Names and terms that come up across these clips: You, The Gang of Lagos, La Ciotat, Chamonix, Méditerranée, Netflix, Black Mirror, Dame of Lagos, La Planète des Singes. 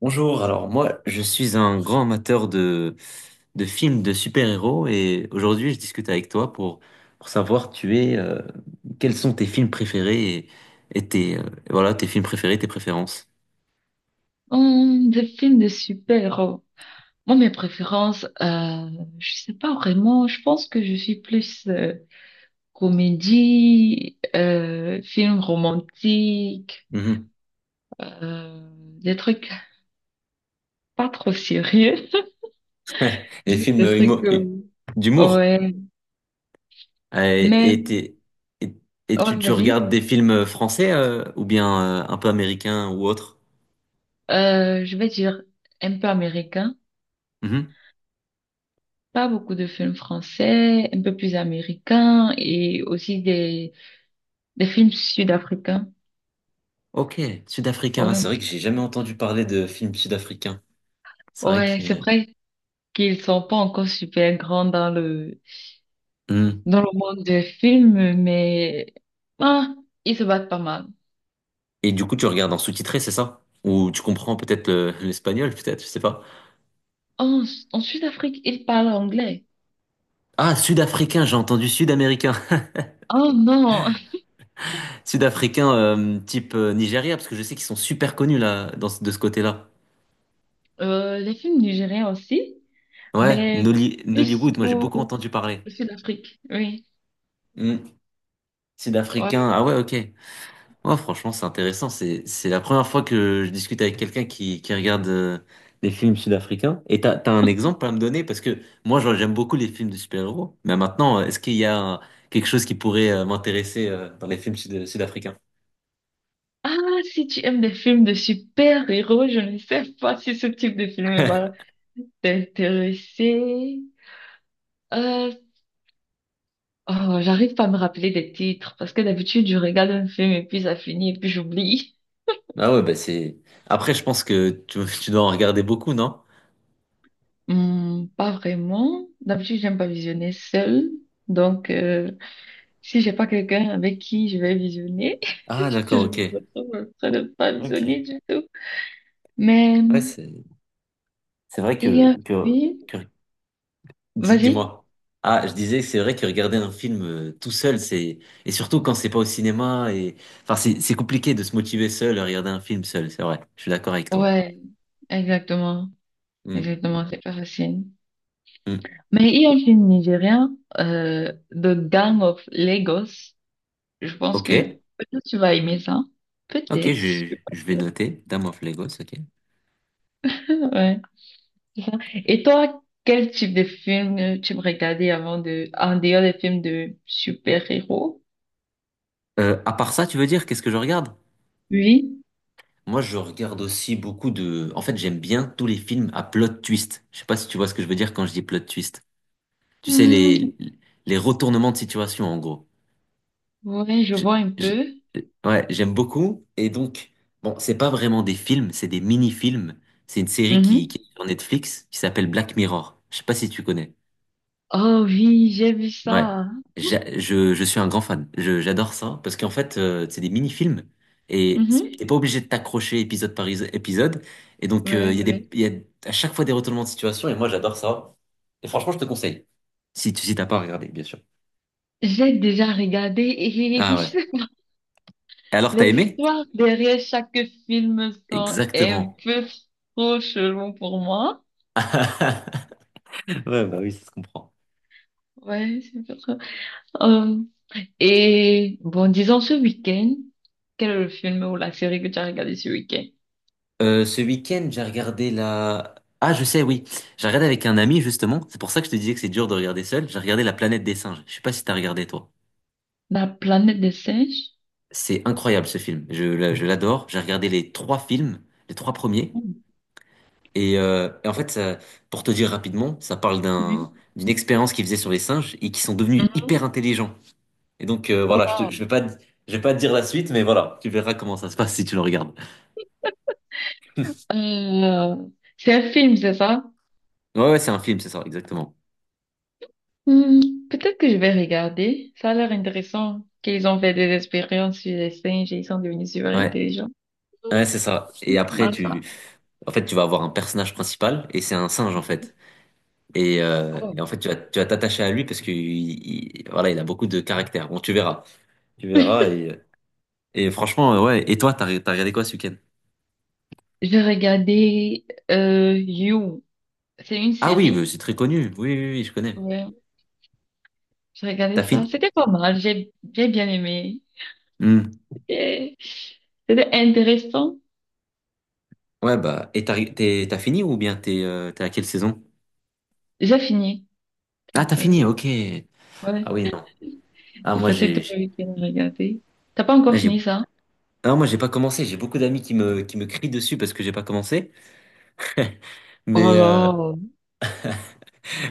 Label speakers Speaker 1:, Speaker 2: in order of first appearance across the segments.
Speaker 1: Bonjour, alors moi je suis un grand amateur de films de super-héros et aujourd'hui je discute avec toi pour savoir tu es, quels sont tes films préférés et voilà, tes films préférés, tes préférences.
Speaker 2: Des films de super-héros. Moi, mes préférences, je sais pas vraiment. Je pense que je suis plus comédie, film romantique,
Speaker 1: Mhm.
Speaker 2: euh, des trucs pas trop sérieux.
Speaker 1: Les
Speaker 2: Juste
Speaker 1: films
Speaker 2: des trucs. euh,
Speaker 1: d'humour.
Speaker 2: Ouais. Mais
Speaker 1: Et, et- et
Speaker 2: ouais,
Speaker 1: tu
Speaker 2: vas-y.
Speaker 1: regardes des films français ou bien un peu américains ou autres?
Speaker 2: Je vais dire un peu américain.
Speaker 1: Mhm.
Speaker 2: Pas beaucoup de films français, un peu plus américain et aussi des films sud-africains.
Speaker 1: Ok, sud-africain,
Speaker 2: Ouais.
Speaker 1: c'est vrai que j'ai jamais entendu parler de films sud-africains. C'est vrai
Speaker 2: Ouais, c'est
Speaker 1: que...
Speaker 2: vrai qu'ils sont pas encore super grands dans le
Speaker 1: Hmm.
Speaker 2: dans le monde des films, mais ah, ils se battent pas mal.
Speaker 1: Et du coup, tu regardes en sous-titré, c'est ça? Ou tu comprends peut-être l'espagnol, peut-être, je sais pas.
Speaker 2: En, en Sud-Afrique, ils parlent anglais.
Speaker 1: Ah, sud-africain, j'ai entendu sud-américain.
Speaker 2: Oh non,
Speaker 1: Sud-africain type Nigeria, parce que je sais qu'ils sont super connus là, de ce côté-là.
Speaker 2: les films nigériens aussi,
Speaker 1: Ouais,
Speaker 2: mais plus
Speaker 1: Nollywood, moi j'ai
Speaker 2: pour
Speaker 1: beaucoup entendu parler.
Speaker 2: le Sud-Afrique, oui.
Speaker 1: Hmm.
Speaker 2: Ouais.
Speaker 1: Sud-africain, ah ouais, ok. Ouais, franchement, c'est intéressant. C'est la première fois que je discute avec quelqu'un qui regarde des films sud-africains. Et t'as un exemple à me donner? Parce que moi, genre, j'aime beaucoup les films de super-héros. Mais maintenant, est-ce qu'il y a un- quelque chose qui pourrait m'intéresser dans les films sud-africains?
Speaker 2: Ah, si tu aimes des films de super-héros, je ne sais pas si ce type de film va t'intéresser. Euh, Oh, j'arrive pas à me rappeler des titres parce que d'habitude je regarde un film et puis ça finit et puis j'oublie.
Speaker 1: Ah ouais, bah c'est... Après, je pense que tu dois en regarder beaucoup, non?
Speaker 2: Hmm, pas vraiment. D'habitude j'aime pas visionner seule. Donc si j'ai pas quelqu'un avec qui je vais visionner,
Speaker 1: Ah, d'accord,
Speaker 2: je
Speaker 1: ok.
Speaker 2: me retrouve en train de pas visionner
Speaker 1: Ok.
Speaker 2: du tout. Mais
Speaker 1: Ouais,
Speaker 2: hmm,
Speaker 1: c'est vrai
Speaker 2: il y a un
Speaker 1: que, que,
Speaker 2: film.
Speaker 1: que
Speaker 2: Vas-y.
Speaker 1: dis-moi. Ah, je disais que c'est vrai que regarder un film tout seul, c'est et surtout quand c'est pas au cinéma et enfin c'est compliqué de se motiver seul à regarder un film seul, c'est vrai. Je suis d'accord avec toi.
Speaker 2: Ouais, exactement.
Speaker 1: Hmm,
Speaker 2: Exactement, c'est pas facile.
Speaker 1: hmm.
Speaker 2: Mais il y a un film nigérien The Gang of Lagos. Je pense
Speaker 1: Ok,
Speaker 2: que peut-être tu vas aimer ça.
Speaker 1: ok,
Speaker 2: Peut-être, je suis pas
Speaker 1: je vais
Speaker 2: sûre.
Speaker 1: noter. Dame of Lagos, ok.
Speaker 2: Ouais, c'est ça. Et toi, quel type de film tu me regardais avant de, en dehors des films de super-héros?
Speaker 1: À part ça, tu veux dire qu'est-ce que je regarde?
Speaker 2: Oui.
Speaker 1: Moi, je regarde aussi beaucoup de. En fait, j'aime bien tous les films à plot twist. Je sais pas si tu vois ce que je veux dire quand je dis plot twist. Tu sais
Speaker 2: Hmm,
Speaker 1: les retournements de situation en gros.
Speaker 2: ouais, je
Speaker 1: Je-
Speaker 2: vois un
Speaker 1: je-
Speaker 2: peu.
Speaker 1: ouais, j'aime beaucoup. Et donc, bon, c'est pas vraiment des films, c'est des mini-films. C'est une série
Speaker 2: Mhm.
Speaker 1: qui est sur Netflix qui s'appelle Black Mirror. Je sais pas si tu connais.
Speaker 2: Oh oui, j'ai vu
Speaker 1: Ouais.
Speaker 2: ça.
Speaker 1: Je suis un grand fan. J'adore ça parce qu'en fait, c'est des mini-films et t'es
Speaker 2: Mhm.
Speaker 1: pas obligé de t'accrocher épisode par épisode. Et donc, il
Speaker 2: Ouais,
Speaker 1: y a
Speaker 2: ouais.
Speaker 1: il y a à chaque fois des retournements de situation et moi, j'adore ça. Et franchement, je te conseille. Si si t'as pas regardé, bien sûr.
Speaker 2: J'ai déjà regardé et
Speaker 1: Ah ouais. Et alors, t'as
Speaker 2: les
Speaker 1: aimé?
Speaker 2: histoires derrière chaque film sont un
Speaker 1: Exactement.
Speaker 2: peu trop chelou pour moi.
Speaker 1: Ouais, bah oui, ça se comprend.
Speaker 2: Ouais, c'est pour ça. Euh, Et bon, disons ce week-end, quel est le film ou la série que tu as regardé ce week-end?
Speaker 1: Ce week-end, j'ai regardé la... Ah, je sais, oui. J'ai regardé avec un ami, justement. C'est pour ça que je te disais que c'est dur de regarder seul. J'ai regardé La Planète des Singes. Je sais pas si t'as regardé, toi.
Speaker 2: La planète des singes?
Speaker 1: C'est incroyable, ce film. Je l'adore. J'ai regardé les trois films, les trois premiers. Et en fait, ça, pour te dire rapidement, ça parle
Speaker 2: Oui.
Speaker 1: d'une expérience qu'ils faisaient sur les singes et qui sont devenus
Speaker 2: Mhm.
Speaker 1: hyper intelligents. Et donc, voilà,
Speaker 2: Voilà.
Speaker 1: je vais pas, je vais pas te dire la suite, mais voilà, tu verras comment ça se passe si tu le regardes.
Speaker 2: Euh, c'est un film, c'est ça?
Speaker 1: Ouais, ouais, c'est un film, c'est ça, exactement.
Speaker 2: Hmm, peut-être que je vais regarder. Ça a l'air intéressant qu'ils ont fait des expériences sur les singes et ils sont devenus super
Speaker 1: Ouais.
Speaker 2: intelligents.
Speaker 1: Ouais, c'est ça. Et après,
Speaker 2: Voilà ça.
Speaker 1: en fait, tu vas avoir un personnage principal et c'est un singe en fait. Et
Speaker 2: Oh.
Speaker 1: en fait, tu vas t'attacher à lui parce que voilà, il a beaucoup de caractère. Bon, tu verras, tu verras. Et franchement, ouais. Et toi, t'as regardé quoi ce week-end?
Speaker 2: J'ai regardé You. C'est une
Speaker 1: Ah oui, bah,
Speaker 2: série.
Speaker 1: c'est très connu. Oui, oui, oui, je connais.
Speaker 2: Ouais. J'ai regardé
Speaker 1: T'as
Speaker 2: ça.
Speaker 1: fini?
Speaker 2: C'était pas mal. J'ai bien aimé.
Speaker 1: Hmm.
Speaker 2: Et c'était intéressant.
Speaker 1: Ouais, bah, et t'as fini ou bien t'es à quelle saison?
Speaker 2: J'ai fini.
Speaker 1: Ah, t'as
Speaker 2: Donc,
Speaker 1: fini, ok.
Speaker 2: ouais,
Speaker 1: Ah oui, non. Ah
Speaker 2: j'ai
Speaker 1: moi,
Speaker 2: passé tout le week-end à regarder. T'as pas
Speaker 1: ah,
Speaker 2: encore
Speaker 1: j'ai-
Speaker 2: fini ça?
Speaker 1: ah, moi, j'ai pas commencé. J'ai beaucoup d'amis qui qui me crient dessus parce que j'ai pas commencé.
Speaker 2: Oh
Speaker 1: Mais, euh,
Speaker 2: là,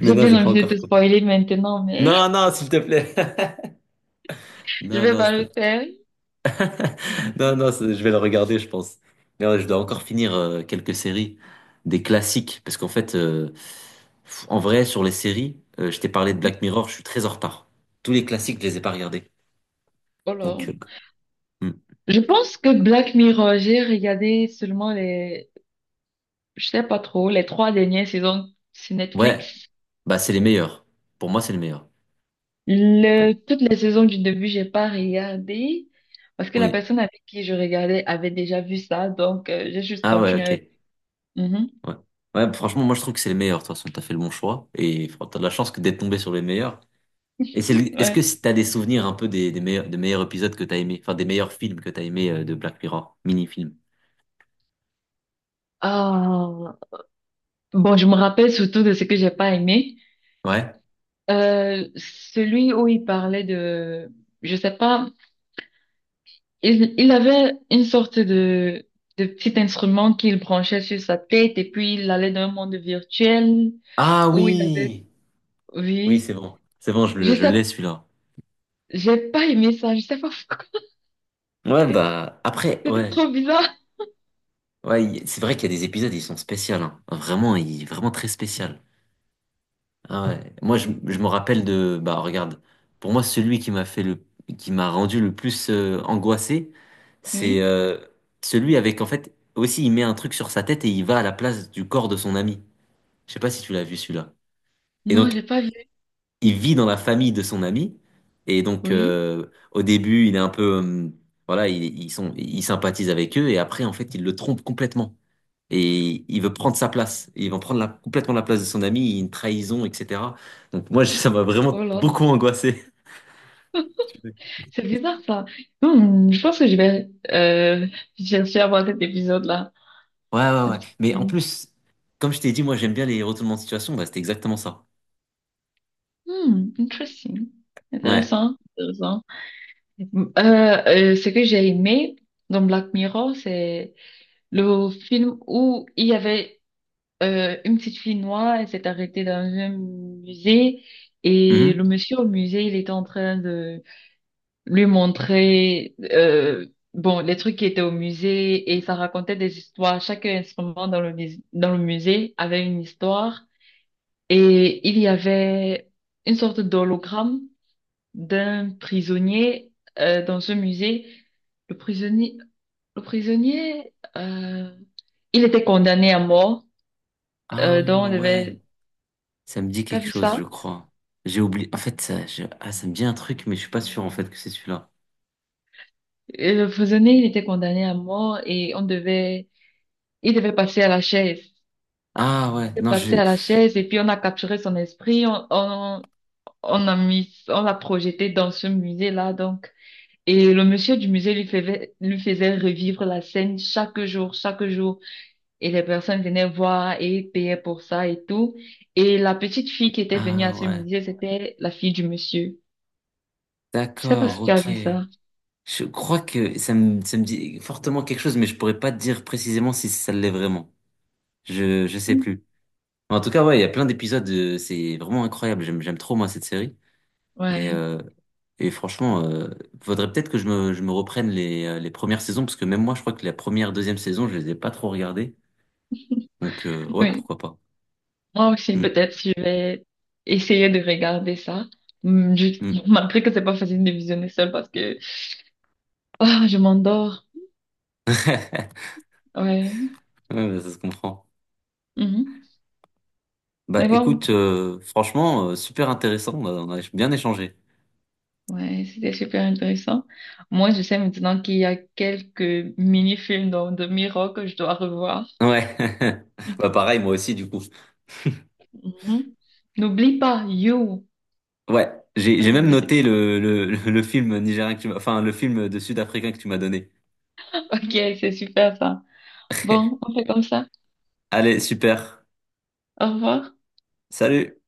Speaker 1: Mais
Speaker 2: j'ai
Speaker 1: non,
Speaker 2: bien
Speaker 1: j'ai pas
Speaker 2: envie de
Speaker 1: encore
Speaker 2: te
Speaker 1: compris.
Speaker 2: spoiler maintenant, mais
Speaker 1: Non, non, s'il te plaît.
Speaker 2: je
Speaker 1: Non,
Speaker 2: vais
Speaker 1: non,
Speaker 2: pas
Speaker 1: s'il te
Speaker 2: le
Speaker 1: plaît.
Speaker 2: faire.
Speaker 1: Non, non, je vais le regarder, je pense. Mais ouais, je dois encore finir quelques séries, des classiques, parce qu'en fait, en vrai, sur les séries, je t'ai parlé de Black Mirror, je suis très en retard. Tous les classiques, je les ai pas regardés.
Speaker 2: Oh là.
Speaker 1: Donc, hmm.
Speaker 2: Je pense que Black Mirror, j'ai regardé seulement les, je sais pas trop, les trois dernières saisons sur
Speaker 1: Ouais,
Speaker 2: Netflix.
Speaker 1: bah c'est les meilleurs. Pour moi, c'est les meilleurs.
Speaker 2: Le,
Speaker 1: Bon,
Speaker 2: toutes les saisons du début, j'ai pas regardé parce que la
Speaker 1: oui.
Speaker 2: personne avec qui je regardais avait déjà vu ça, donc j'ai juste
Speaker 1: Ah ouais,
Speaker 2: continué avec.
Speaker 1: ok.
Speaker 2: Mhm.
Speaker 1: Ouais. Ouais, franchement, moi je trouve que c'est les meilleurs. De toute façon, t'as fait le bon choix et t'as de la chance que d'être tombé sur les meilleurs. Et est-ce
Speaker 2: Ouais.
Speaker 1: que si t'as des souvenirs un peu des meilleurs épisodes que t'as aimé, enfin des meilleurs films que t'as aimé de Black Mirror, mini-film?
Speaker 2: Ah, bon, je me rappelle surtout de ce que j'ai pas aimé.
Speaker 1: Ouais.
Speaker 2: Celui où il parlait de, je sais pas, il avait une sorte de petit instrument qu'il branchait sur sa tête et puis il allait dans un monde virtuel
Speaker 1: Ah
Speaker 2: où il avait,
Speaker 1: oui! Oui, c'est
Speaker 2: oui,
Speaker 1: bon. C'est bon,
Speaker 2: je
Speaker 1: je
Speaker 2: sais,
Speaker 1: l'ai celui-là.
Speaker 2: j'ai pas aimé ça, je sais pas pourquoi.
Speaker 1: Ouais, bah, après,
Speaker 2: C'était
Speaker 1: ouais.
Speaker 2: trop bizarre.
Speaker 1: Ouais, c'est vrai qu'il y a des épisodes, ils sont spéciaux, hein. Vraiment, il, vraiment très spécial. Ah ouais. Moi, je me rappelle de, bah, regarde, pour moi, celui qui m'a fait le, qui m'a rendu le plus angoissé, c'est
Speaker 2: Oui.
Speaker 1: euh, celui avec, en fait, aussi, il met un truc sur sa tête et il va à la place du corps de son ami. Je sais pas si tu l'as vu celui-là. Et
Speaker 2: Non,
Speaker 1: donc,
Speaker 2: j'ai pas vu.
Speaker 1: il vit dans la famille de son ami. Et donc,
Speaker 2: Oui.
Speaker 1: au début, il est un peu, voilà, il sympathise avec eux. Et après, en fait, il le trompe complètement. Et il veut prendre sa place. Ils vont prendre complètement la place de son ami. Il y a Une trahison, etc. Donc, moi, ça m'a
Speaker 2: Oh
Speaker 1: vraiment
Speaker 2: là.
Speaker 1: beaucoup angoissé. Ouais,
Speaker 2: C'est bizarre ça. Hmm, je pense que je vais chercher à voir cet épisode-là,
Speaker 1: ouais,
Speaker 2: ce
Speaker 1: ouais.
Speaker 2: petit
Speaker 1: Mais en
Speaker 2: film.
Speaker 1: plus, comme je t'ai dit, moi, j'aime bien les retournements de situation. Bah, c'était exactement ça.
Speaker 2: Hmm, interesting.
Speaker 1: Ouais.
Speaker 2: Intéressant, intéressant. Euh, ce que j'ai aimé dans Black Mirror, c'est le film où il y avait une petite fille noire, elle s'est arrêtée dans un musée et
Speaker 1: Mhm.
Speaker 2: le monsieur au musée, il était en train de lui montrer bon, les trucs qui étaient au musée et ça racontait des histoires. Chaque instrument dans dans le musée avait une histoire et il y avait une sorte d'hologramme d'un prisonnier dans un musée. Le prisonnier, le prisonnier, il était condamné à mort.
Speaker 1: Ah,
Speaker 2: Donc on
Speaker 1: ouais.
Speaker 2: devait,
Speaker 1: Ça me dit
Speaker 2: t'as
Speaker 1: quelque
Speaker 2: vu
Speaker 1: chose,
Speaker 2: ça?
Speaker 1: je crois. J'ai oublié. En fait, ah, ça me dit un truc, mais je suis pas sûr en fait que c'est celui-là.
Speaker 2: Et le prisonnier, il était condamné à mort et on devait, il devait passer à la chaise.
Speaker 1: Ah ouais,
Speaker 2: Il est
Speaker 1: non,
Speaker 2: passé
Speaker 1: je.
Speaker 2: à la chaise et puis on a capturé son esprit. On a mis, on l'a projeté dans ce musée-là, donc. Et le monsieur du musée lui faisait revivre la scène chaque jour, chaque jour. Et les personnes venaient voir et payaient pour ça et tout. Et la petite fille qui était venue
Speaker 1: Ah
Speaker 2: à ce
Speaker 1: ouais.
Speaker 2: musée, c'était la fille du monsieur. Je sais pas
Speaker 1: D'accord,
Speaker 2: si tu as
Speaker 1: ok.
Speaker 2: vu ça.
Speaker 1: Je crois que ça me dit fortement quelque chose, mais je pourrais pas te dire précisément si ça l'est vraiment. Je sais plus. En tout cas, ouais, il y a plein d'épisodes. C'est vraiment incroyable. J'aime trop moi cette série. Et
Speaker 2: Ouais.
Speaker 1: euh, et franchement, faudrait peut-être que je me reprenne les premières saisons, parce que même moi, je crois que la première, deuxième saison, je les ai pas trop regardées. Donc ouais,
Speaker 2: Oui.
Speaker 1: pourquoi pas.
Speaker 2: Moi aussi,
Speaker 1: Hmm.
Speaker 2: peut-être, je vais essayer de regarder ça. Je...
Speaker 1: Hmm.
Speaker 2: Malgré que c'est pas facile de visionner seul parce que ah, je m'endors. Ouais.
Speaker 1: Ouais, bah, ça se comprend.
Speaker 2: Mhm.
Speaker 1: Bah
Speaker 2: Mais bon,
Speaker 1: écoute, franchement, super intéressant, on a bien échangé.
Speaker 2: ouais, c'était super intéressant. Moi, je sais maintenant qu'il y a quelques mini-films dans de Miro que je dois revoir.
Speaker 1: Ouais, bah pareil, moi aussi du coup.
Speaker 2: Mhm. N'oublie pas, you.
Speaker 1: Ouais, j'ai
Speaker 2: Très
Speaker 1: même noté
Speaker 2: intéressant.
Speaker 1: le film nigérien que tu m'as, enfin le film de Sud-Africain que tu m'as donné.
Speaker 2: Ok, c'est super ça. Bon, on fait comme ça.
Speaker 1: Allez, super.
Speaker 2: Au revoir.
Speaker 1: Salut!